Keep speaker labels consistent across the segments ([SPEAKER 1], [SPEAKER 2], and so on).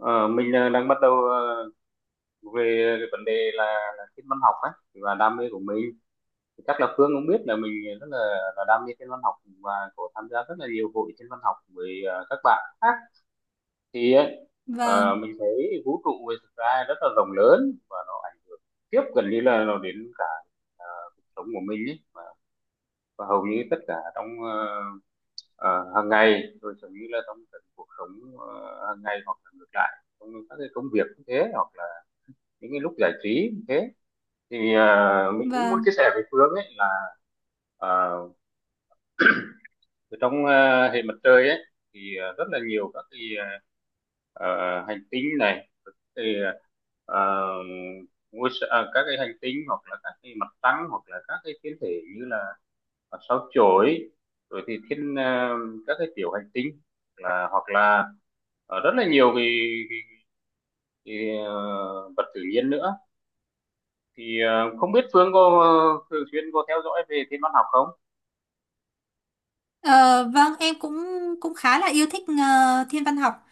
[SPEAKER 1] Ờ, mình đang bắt đầu về cái vấn đề là thiên văn học ấy và đam mê của mình, chắc là Phương cũng biết là mình rất là, là đam mê thiên văn học và có tham gia rất là nhiều hội thiên văn học với các bạn khác thì ấy,
[SPEAKER 2] Vâng,
[SPEAKER 1] mình thấy vũ trụ về thực ra rất là rộng lớn và nó ảnh tiếp gần như là nó đến cả sống của mình ấy, và hầu như tất cả trong hàng ngày, rồi giống như là trong cái cuộc sống hàng ngày, hoặc là ngược lại trong các cái công việc cũng thế, hoặc là những cái lúc giải trí cũng thế. Thì mình cũng muốn chia
[SPEAKER 2] vâng.
[SPEAKER 1] sẻ với Phương ấy là à, ở trong hệ mặt trời ấy thì rất là nhiều các cái hành tinh này thì, à, các cái hành tinh hoặc là các cái mặt trăng hoặc là các cái thiên thể như là sao chổi, rồi thì các cái tiểu hành tinh, là hoặc là rất là nhiều cái, cái vật tự nhiên nữa. Thì không biết Phương có thường xuyên có theo dõi về thiên văn học không?
[SPEAKER 2] Ờ, vâng, em cũng cũng khá là yêu thích thiên văn học.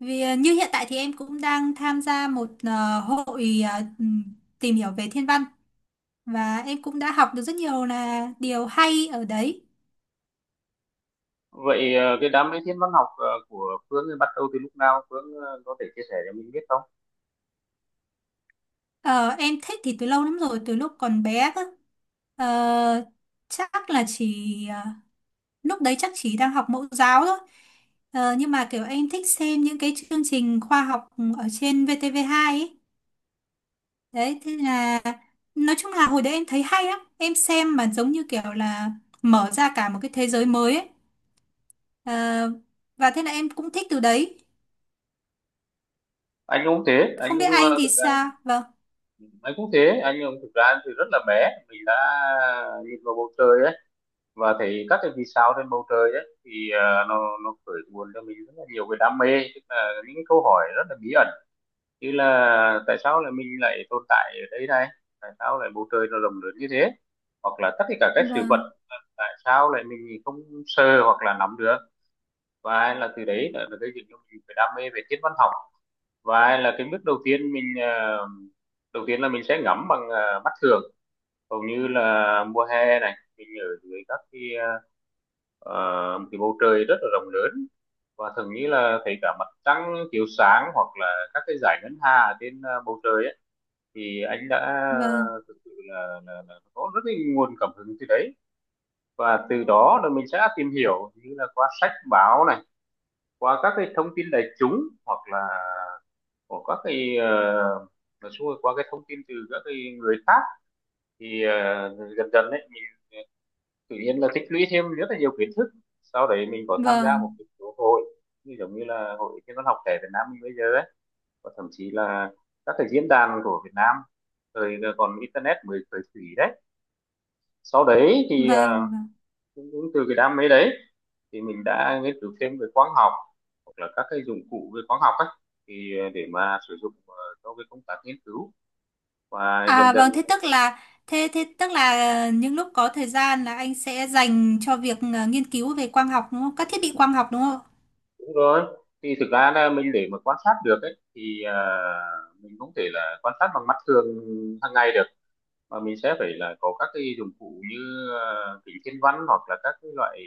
[SPEAKER 2] Vì như hiện tại thì em cũng đang tham gia một hội tìm hiểu về thiên văn và em cũng đã học được rất nhiều là điều hay ở đấy.
[SPEAKER 1] Vậy cái đam mê thiên văn học của Phương thì bắt đầu từ lúc nào? Phương có thể chia sẻ cho mình biết không?
[SPEAKER 2] Ờ, em thích thì từ lâu lắm rồi, từ lúc còn bé cơ. Ờ, Chắc là chỉ ờ, lúc đấy chắc chỉ đang học mẫu giáo thôi. Nhưng mà kiểu em thích xem những cái chương trình khoa học ở trên VTV2 ấy. Đấy, thế là nói chung là hồi đấy em thấy hay lắm. Em xem mà giống như kiểu là mở ra cả một cái thế giới mới ấy. Ờ, và thế là em cũng thích từ đấy.
[SPEAKER 1] anh cũng thế anh
[SPEAKER 2] Không biết
[SPEAKER 1] cũng
[SPEAKER 2] anh
[SPEAKER 1] ờ,
[SPEAKER 2] thì
[SPEAKER 1] thực ra
[SPEAKER 2] sao? Vâng,
[SPEAKER 1] anh cũng thế, anh cũng thực ra thì rất là bé mình đã nhìn vào bầu trời ấy và thấy các cái vì sao trên bầu trời ấy, thì nó khởi nguồn cho mình rất là nhiều cái đam mê, tức là những câu hỏi rất là bí ẩn như là tại sao lại mình lại tồn tại ở đây này, tại sao lại bầu trời nó rộng lớn như thế, hoặc là tất cả các sự vật
[SPEAKER 2] vâng,
[SPEAKER 1] tại sao lại mình không sờ hoặc là nắm được. Và là từ đấy là, cái gây dựng cho mình cái đam mê về thiên văn học, và là cái bước đầu tiên mình đầu tiên là mình sẽ ngắm bằng mắt thường. Hầu như là mùa hè này mình ở dưới các cái ờ, cái bầu trời rất là rộng lớn, và thường như là thấy cả mặt trăng chiếu sáng hoặc là các cái dải ngân hà trên bầu trời ấy, thì anh đã
[SPEAKER 2] vâng,
[SPEAKER 1] thực sự là có rất là nguồn cảm hứng từ đấy. Và từ đó là mình sẽ tìm hiểu như là qua sách báo này, qua các cái thông tin đại chúng, hoặc là của các cái nói chung qua cái thông tin từ các cái người khác, thì dần dần đấy mình tự nhiên là tích lũy thêm rất là nhiều kiến thức. Sau đấy mình có tham gia một
[SPEAKER 2] vâng,
[SPEAKER 1] cái số hội như giống như là hội thiên văn học trẻ Việt Nam mình bây giờ đấy, và thậm chí là các cái diễn đàn của Việt Nam thời còn internet mới khởi thủy đấy. Sau đấy thì
[SPEAKER 2] vâng, vâng.
[SPEAKER 1] cũng từ cái đam mê đấy thì mình đã nghiên cứu thêm về quang học hoặc là các cái dụng cụ về quang học ấy, thì để mà sử dụng cho cái công tác nghiên cứu, và dần
[SPEAKER 2] À
[SPEAKER 1] dần.
[SPEAKER 2] vâng, thế tức là thế thế tức là những lúc có thời gian là anh sẽ dành cho việc nghiên cứu về quang học đúng không? Các thiết bị quang học đúng không?
[SPEAKER 1] Đúng rồi, thì thực ra là mình để mà quan sát được ấy thì mình không thể là quan sát bằng mắt thường hàng ngày được, mà mình sẽ phải là có các cái dụng cụ như kính thiên văn hoặc là các cái loại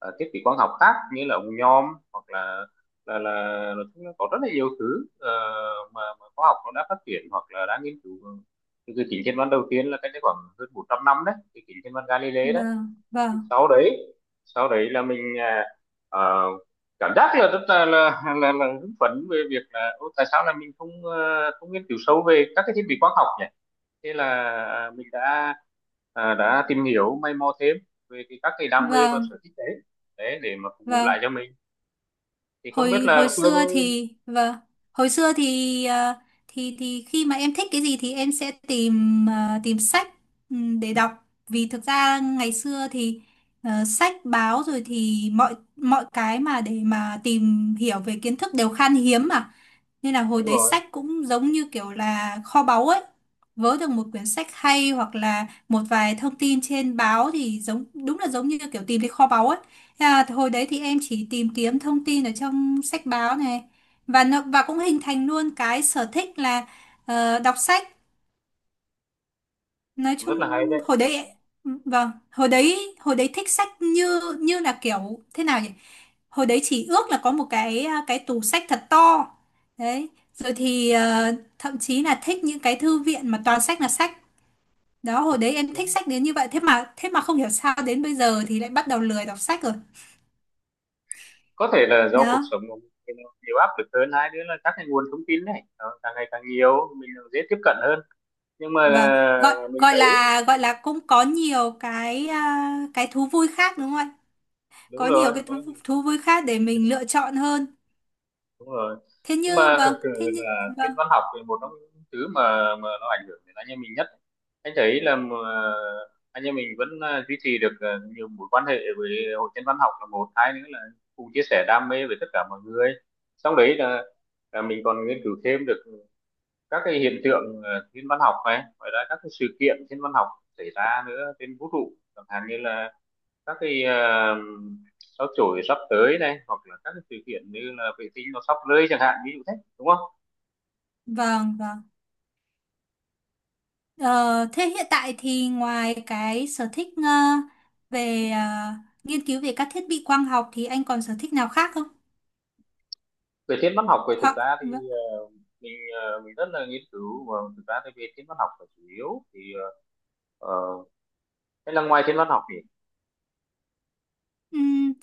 [SPEAKER 1] thiết bị quang học khác như là ống nhòm, hoặc là là là, nói chung là có rất là nhiều thứ mà khoa học nó đã phát triển hoặc là đã nghiên cứu. Từ từ kính thiên văn đầu tiên là cách đây khoảng hơn 400 năm đấy, cái kính thiên văn Galilei đấy,
[SPEAKER 2] Vâng, vâng,
[SPEAKER 1] sau đấy sau đấy là mình ờ, cảm giác là rất là là hứng phấn về việc là "Ô, tại sao là mình không không nghiên cứu sâu về các cái thiết bị khoa học nhỉ". Thế là mình đã đã tìm hiểu mày mò thêm về các cái đam mê và sở
[SPEAKER 2] vâng,
[SPEAKER 1] thích đấy, đấy để mà phục vụ lại
[SPEAKER 2] vâng.
[SPEAKER 1] cho mình. Thì không biết
[SPEAKER 2] hồi
[SPEAKER 1] là
[SPEAKER 2] hồi
[SPEAKER 1] Phương.
[SPEAKER 2] xưa thì vâng, hồi xưa thì thì khi mà em thích cái gì thì em sẽ tìm tìm sách, để đọc. Vì thực ra ngày xưa thì sách báo rồi thì mọi mọi cái mà để mà tìm hiểu về kiến thức đều khan hiếm mà, nên là hồi
[SPEAKER 1] Đúng
[SPEAKER 2] đấy
[SPEAKER 1] rồi,
[SPEAKER 2] sách cũng giống như kiểu là kho báu ấy. Vớ được một quyển sách hay hoặc là một vài thông tin trên báo thì giống đúng là giống như kiểu tìm thấy kho báu ấy. Thế là hồi đấy thì em chỉ tìm kiếm thông tin ở trong sách báo này, và nó, cũng hình thành luôn cái sở thích là đọc sách nói
[SPEAKER 1] cũng
[SPEAKER 2] chung.
[SPEAKER 1] rất là hay
[SPEAKER 2] Hồi
[SPEAKER 1] đấy.
[SPEAKER 2] đấy vâng, hồi đấy, hồi đấy thích sách như như là kiểu thế nào nhỉ, hồi đấy chỉ ước là có một cái tủ sách thật to đấy, rồi thì thậm chí là thích những cái thư viện mà toàn sách là sách. Đó hồi đấy em thích sách đến như vậy, thế mà không hiểu sao đến bây giờ thì lại bắt đầu lười đọc sách rồi.
[SPEAKER 1] Có thể là do cuộc
[SPEAKER 2] Đó
[SPEAKER 1] sống của mình thì nó nhiều áp lực hơn, hai nữa là các cái nguồn thông tin này nó càng ngày càng nhiều, mình dễ tiếp cận hơn. Nhưng mà
[SPEAKER 2] và gọi
[SPEAKER 1] mình thấy
[SPEAKER 2] gọi là cũng có nhiều cái cái thú vui khác đúng không ạ,
[SPEAKER 1] đúng
[SPEAKER 2] có nhiều
[SPEAKER 1] rồi
[SPEAKER 2] cái
[SPEAKER 1] có,
[SPEAKER 2] thú vui khác để mình lựa chọn hơn.
[SPEAKER 1] đúng rồi. Nhưng mà thực sự
[SPEAKER 2] Thế như
[SPEAKER 1] là thiên
[SPEAKER 2] vâng,
[SPEAKER 1] văn học thì một trong những thứ mà nó ảnh hưởng đến anh em mình nhất. Anh thấy là mà anh em mình vẫn duy trì được nhiều mối quan hệ với hội thiên văn học là một, hai nữa là cùng chia sẻ đam mê với tất cả mọi người, xong đấy là mình còn nghiên cứu thêm được các cái hiện tượng thiên văn học này, ngoài ra các cái sự kiện thiên văn học xảy ra nữa trên vũ trụ, chẳng hạn như là các cái sao chổi sắp tới này, hoặc là các cái sự kiện như là vệ tinh nó sắp rơi chẳng hạn, ví dụ thế đúng không.
[SPEAKER 2] vâng, vâng. Ờ, Thế hiện tại thì ngoài cái sở thích về nghiên cứu về các thiết bị quang học thì anh còn sở thích nào khác không?
[SPEAKER 1] Về thiên văn học về thực
[SPEAKER 2] Hoặc
[SPEAKER 1] ra thì
[SPEAKER 2] vâng,
[SPEAKER 1] mình mình rất là nghiên cứu và thực ra thì về thiên văn học là chủ yếu, thì ờ, hay là ngoài thiên văn học thì
[SPEAKER 2] ừm,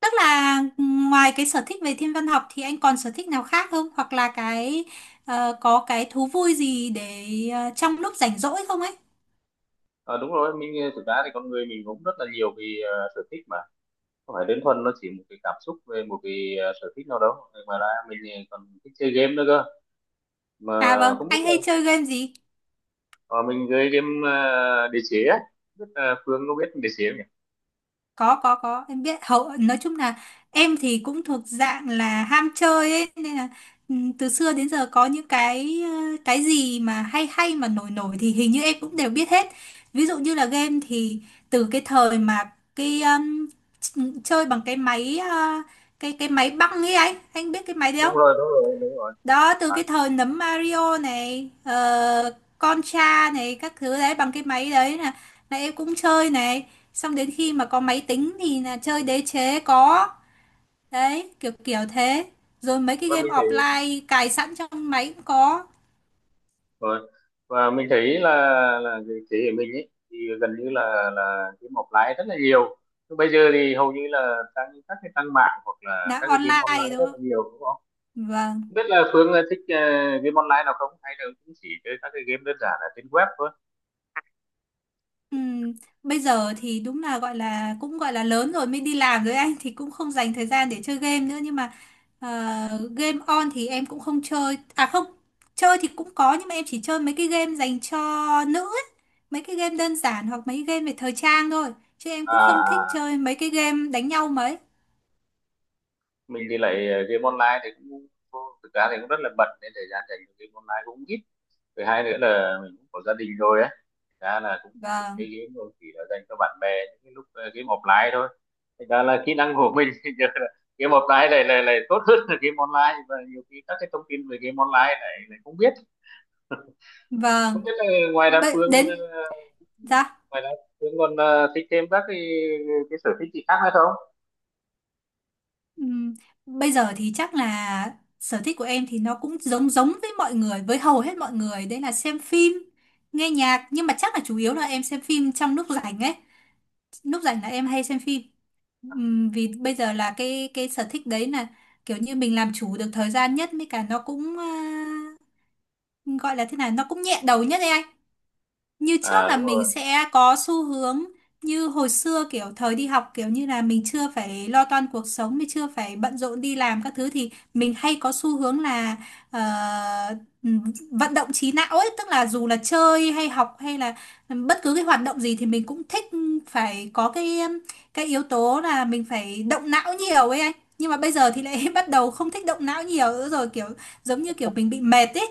[SPEAKER 2] tức là ngoài cái sở thích về thiên văn học thì anh còn sở thích nào khác không? Hoặc là cái có cái thú vui gì để trong lúc rảnh rỗi không ấy?
[SPEAKER 1] ờ, đúng rồi, mình thực ra thì con người mình cũng rất là nhiều vì sở thích mà, không phải đơn thuần nó chỉ một cái cảm xúc về một cái sở thích nào đâu, mà ra mình còn thích chơi game nữa cơ mà.
[SPEAKER 2] À vâng,
[SPEAKER 1] Không biết
[SPEAKER 2] anh
[SPEAKER 1] là
[SPEAKER 2] hay chơi game gì?
[SPEAKER 1] ờ, mình chơi game đế chế á. Không biết là Phương có biết đế chế.
[SPEAKER 2] Có, em biết. Hậu nói chung là em thì cũng thuộc dạng là ham chơi ấy, nên là từ xưa đến giờ có những cái cái gì mà hay hay mà nổi nổi thì hình như em cũng đều biết hết. Ví dụ như là game thì từ cái thời mà cái chơi bằng cái máy cái máy băng ấy, anh biết cái máy đấy
[SPEAKER 1] Đúng
[SPEAKER 2] không.
[SPEAKER 1] rồi, đúng rồi, đúng rồi.
[SPEAKER 2] Đó từ cái thời nấm Mario này, Contra này các thứ đấy, bằng cái máy đấy là em cũng chơi này. Xong đến khi mà có máy tính thì là chơi đế chế có, đấy kiểu kiểu thế, rồi mấy cái
[SPEAKER 1] Và
[SPEAKER 2] game
[SPEAKER 1] mình thấy
[SPEAKER 2] offline cài sẵn trong máy cũng có.
[SPEAKER 1] rồi, và mình thấy là cái thế hệ mình ấy thì gần như là game offline rất là nhiều. Nhưng bây giờ thì hầu như là tăng các cái tăng mạng hoặc là
[SPEAKER 2] Là
[SPEAKER 1] các cái game
[SPEAKER 2] online
[SPEAKER 1] online
[SPEAKER 2] đúng
[SPEAKER 1] rất là
[SPEAKER 2] không,
[SPEAKER 1] nhiều, đúng không?
[SPEAKER 2] vâng.
[SPEAKER 1] Không biết là Phương thích game online nào không, hay là cũng chỉ chơi các cái game đơn giản là trên web thôi.
[SPEAKER 2] Ừm, bây giờ thì đúng là gọi là cũng gọi là lớn rồi mới đi làm rồi anh thì cũng không dành thời gian để chơi game nữa, nhưng mà ờ, game on thì em cũng không chơi. À không, chơi thì cũng có nhưng mà em chỉ chơi mấy cái game dành cho nữ ấy. Mấy cái game đơn giản hoặc mấy game về thời trang thôi, chứ em
[SPEAKER 1] à
[SPEAKER 2] cũng không thích
[SPEAKER 1] à,
[SPEAKER 2] chơi mấy cái game đánh nhau mấy.
[SPEAKER 1] mình thì lại game online thì cũng thực ra thì cũng rất là bận, nên thời gian dành cho game online cũng ít. Thứ hai nữa là mình cũng có gia đình rồi ấy, ra là cũng được chơi
[SPEAKER 2] Vâng
[SPEAKER 1] game thôi, chỉ là dành cho bạn bè những cái lúc game offline thôi. Thành ra là kỹ năng của mình thì giờ là game offline này này này tốt hơn là game online, và nhiều khi các cái thông tin về game online này này không biết. Không
[SPEAKER 2] vâng.
[SPEAKER 1] biết là ngoài đa phương
[SPEAKER 2] Đến dạ.
[SPEAKER 1] ngoài đa phương còn thích thêm các cái sở thích gì khác nữa không.
[SPEAKER 2] Ừm, Bây giờ thì chắc là sở thích của em thì nó cũng giống giống với mọi người, với hầu hết mọi người, đấy là xem phim, nghe nhạc, nhưng mà chắc là chủ yếu là em xem phim trong lúc rảnh ấy. Lúc rảnh là em hay xem phim. Vì bây giờ là cái sở thích đấy là kiểu như mình làm chủ được thời gian nhất, với cả nó cũng gọi là thế nào, nó cũng nhẹ đầu nhất đấy anh. Như trước
[SPEAKER 1] À
[SPEAKER 2] là
[SPEAKER 1] đúng rồi,
[SPEAKER 2] mình sẽ có xu hướng, như hồi xưa kiểu thời đi học kiểu như là mình chưa phải lo toan cuộc sống, mình chưa phải bận rộn đi làm các thứ, thì mình hay có xu hướng là ờ, vận động trí não ấy, tức là dù là chơi hay học hay là bất cứ cái hoạt động gì thì mình cũng thích phải có cái yếu tố là mình phải động não nhiều ấy anh. Nhưng mà bây giờ thì lại bắt đầu không thích động não nhiều nữa rồi, kiểu giống như kiểu mình bị mệt ấy.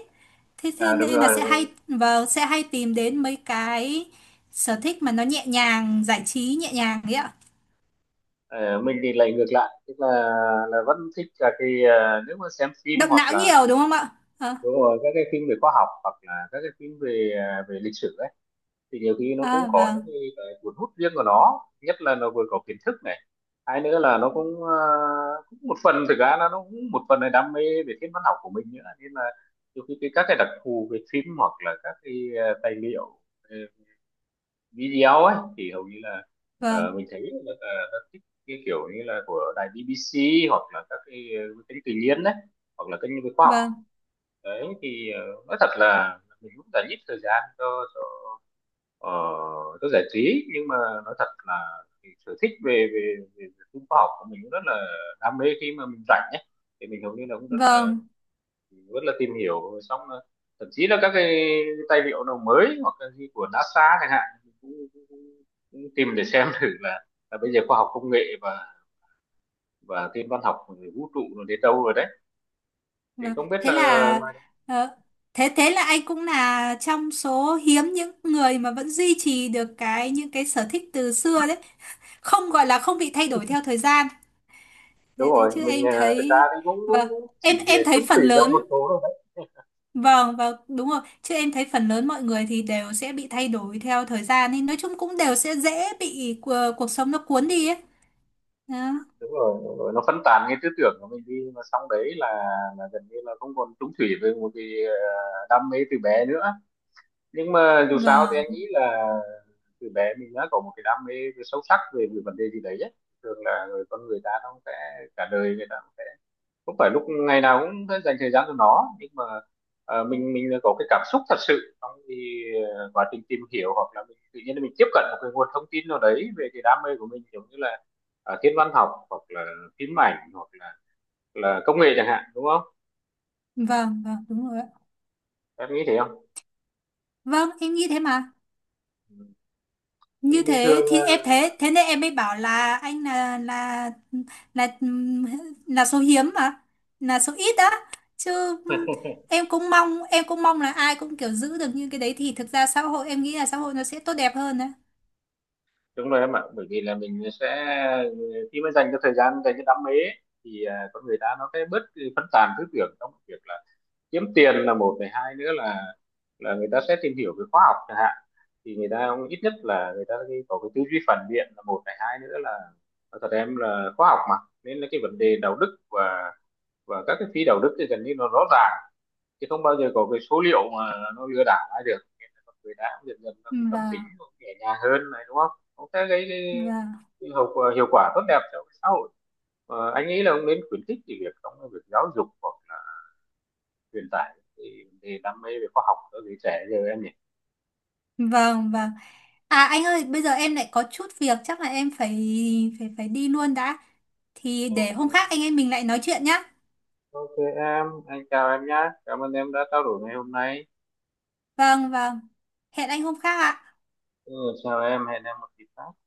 [SPEAKER 2] Thế thế
[SPEAKER 1] à đúng
[SPEAKER 2] nên là
[SPEAKER 1] rồi, đúng
[SPEAKER 2] sẽ hay
[SPEAKER 1] rồi.
[SPEAKER 2] vâng, sẽ hay tìm đến mấy cái sở thích mà nó nhẹ nhàng, giải trí nhẹ nhàng ấy ạ.
[SPEAKER 1] Ờ, mình thì lại ngược lại, tức là vẫn thích là cái nếu mà xem phim
[SPEAKER 2] Động
[SPEAKER 1] hoặc
[SPEAKER 2] não
[SPEAKER 1] là
[SPEAKER 2] nhiều đúng không ạ. Ờ,
[SPEAKER 1] đúng rồi các cái phim về khoa học hoặc là các cái phim về về lịch sử ấy, thì nhiều khi nó cũng có những
[SPEAKER 2] vâng
[SPEAKER 1] cái cuốn hút riêng của nó, nhất là nó vừa có kiến thức này, hai nữa là nó cũng cũng một phần thực ra là nó cũng một phần là đam mê về thiên văn học của mình nữa, nên là nhiều khi cái các cái đặc thù về phim hoặc là các cái tài liệu video ấy thì hầu như là
[SPEAKER 2] vâng
[SPEAKER 1] mình thấy rất thích cái kiểu như là của đài BBC hoặc là các cái kênh tự nhiên đấy, hoặc là kênh về khoa học.
[SPEAKER 2] vâng
[SPEAKER 1] Đấy thì nói thật là mình cũng đã ít thời gian cho cho Ờ, tôi giải trí, nhưng mà nói thật là cái sở thích về về phim khoa học của mình cũng rất là đam mê. Khi mà mình rảnh ấy thì mình hầu như là cũng
[SPEAKER 2] vâng
[SPEAKER 1] rất là tìm hiểu, xong là thậm chí là các cái tài liệu nào mới hoặc là gì của NASA chẳng hạn mình cũng tìm để xem thử là bây giờ khoa học công nghệ và thiên văn học rồi vũ trụ rồi đến đâu rồi đấy. Thì
[SPEAKER 2] vâng.
[SPEAKER 1] không biết
[SPEAKER 2] Thế
[SPEAKER 1] là
[SPEAKER 2] là ờ, thế thế là anh cũng là trong số hiếm những người mà vẫn duy trì được cái những cái sở thích từ xưa đấy, không gọi là không bị thay đổi theo thời gian
[SPEAKER 1] đúng
[SPEAKER 2] đấy.
[SPEAKER 1] rồi
[SPEAKER 2] Chứ
[SPEAKER 1] mình
[SPEAKER 2] em
[SPEAKER 1] thực ra
[SPEAKER 2] thấy
[SPEAKER 1] thì
[SPEAKER 2] vâng,
[SPEAKER 1] cũng chỉ
[SPEAKER 2] em
[SPEAKER 1] chung
[SPEAKER 2] thấy
[SPEAKER 1] thủy
[SPEAKER 2] phần
[SPEAKER 1] cho một
[SPEAKER 2] lớn.
[SPEAKER 1] số.
[SPEAKER 2] Vâng, vâng, đúng rồi. Chứ em thấy phần lớn mọi người thì đều sẽ bị thay đổi theo thời gian, nên nói chung cũng đều sẽ dễ bị cuộc sống nó cuốn đi ấy. Đó.
[SPEAKER 1] Đúng rồi, đúng rồi, nó phân tán cái tư tưởng của mình đi, mà xong đấy là gần như là không còn trúng thủy với một cái đam mê từ bé nữa. Nhưng mà dù sao thì
[SPEAKER 2] Vâng,
[SPEAKER 1] anh nghĩ là từ bé mình đã có một cái đam mê sâu sắc về cái vấn đề gì đấy ấy. Thường là con người ta nó sẽ cả đời người ta không phải lúc ngày nào cũng phải dành thời gian cho nó, nhưng mà mình có cái cảm xúc thật sự trong thì quá trình tìm hiểu, hoặc là mình tự nhiên mình tiếp cận một cái nguồn thông tin nào đấy về cái đam mê của mình, giống như là thiên văn học hoặc là phim ảnh hoặc là công nghệ chẳng hạn, đúng không?
[SPEAKER 2] vâng, vâng, đúng rồi. Ạ.
[SPEAKER 1] Em nghĩ thế không?
[SPEAKER 2] Vâng, em nghĩ thế mà.
[SPEAKER 1] Thì
[SPEAKER 2] Như
[SPEAKER 1] bình
[SPEAKER 2] thế
[SPEAKER 1] thường
[SPEAKER 2] thì em thế, thế nên em mới bảo là anh là là số hiếm mà, là số ít đó. Chứ em cũng mong là ai cũng kiểu giữ được như cái đấy thì thực ra xã hội, em nghĩ là xã hội nó sẽ tốt đẹp hơn đấy.
[SPEAKER 1] đúng rồi em ạ, bởi vì là mình sẽ khi mà dành cho thời gian dành cho đam mê ấy, thì con người ta nó sẽ bớt cái phân tán tư tưởng trong việc là kiếm tiền là một này, hai nữa là người ta sẽ tìm hiểu về khoa học chẳng hạn, thì người ta cũng ít nhất là người ta có cái tư duy phản biện là một này, hai nữa là nói thật em là khoa học mà, nên là cái vấn đề đạo đức và các cái phi đạo đức thì gần như nó rõ ràng, chứ không bao giờ có cái số liệu mà nó lừa đảo ai được, nên là con người ta cũng dần dần là cái tâm tính
[SPEAKER 2] Vâng,
[SPEAKER 1] cũng nhẹ nhàng hơn này, đúng không, cũng sẽ gây cái,
[SPEAKER 2] vâng.
[SPEAKER 1] hiệu quả tốt đẹp cho xã hội. Ờ, anh nghĩ là ông nên khuyến khích cái việc trong cái việc giáo dục hoặc là truyền tải cái vấn đề đam mê về khoa học cho giới trẻ giờ em nhỉ.
[SPEAKER 2] Vâng, vâng. À anh ơi, bây giờ em lại có chút việc, chắc là em phải phải phải đi luôn đã. Thì để
[SPEAKER 1] Ok,
[SPEAKER 2] hôm khác anh em mình lại nói chuyện nhá.
[SPEAKER 1] ok em, anh chào em nhé. Cảm ơn em đã trao đổi ngày hôm nay.
[SPEAKER 2] Vâng vâng, hẹn anh hôm khác ạ.
[SPEAKER 1] Ừ, chào em, hẹn em một dịp khác.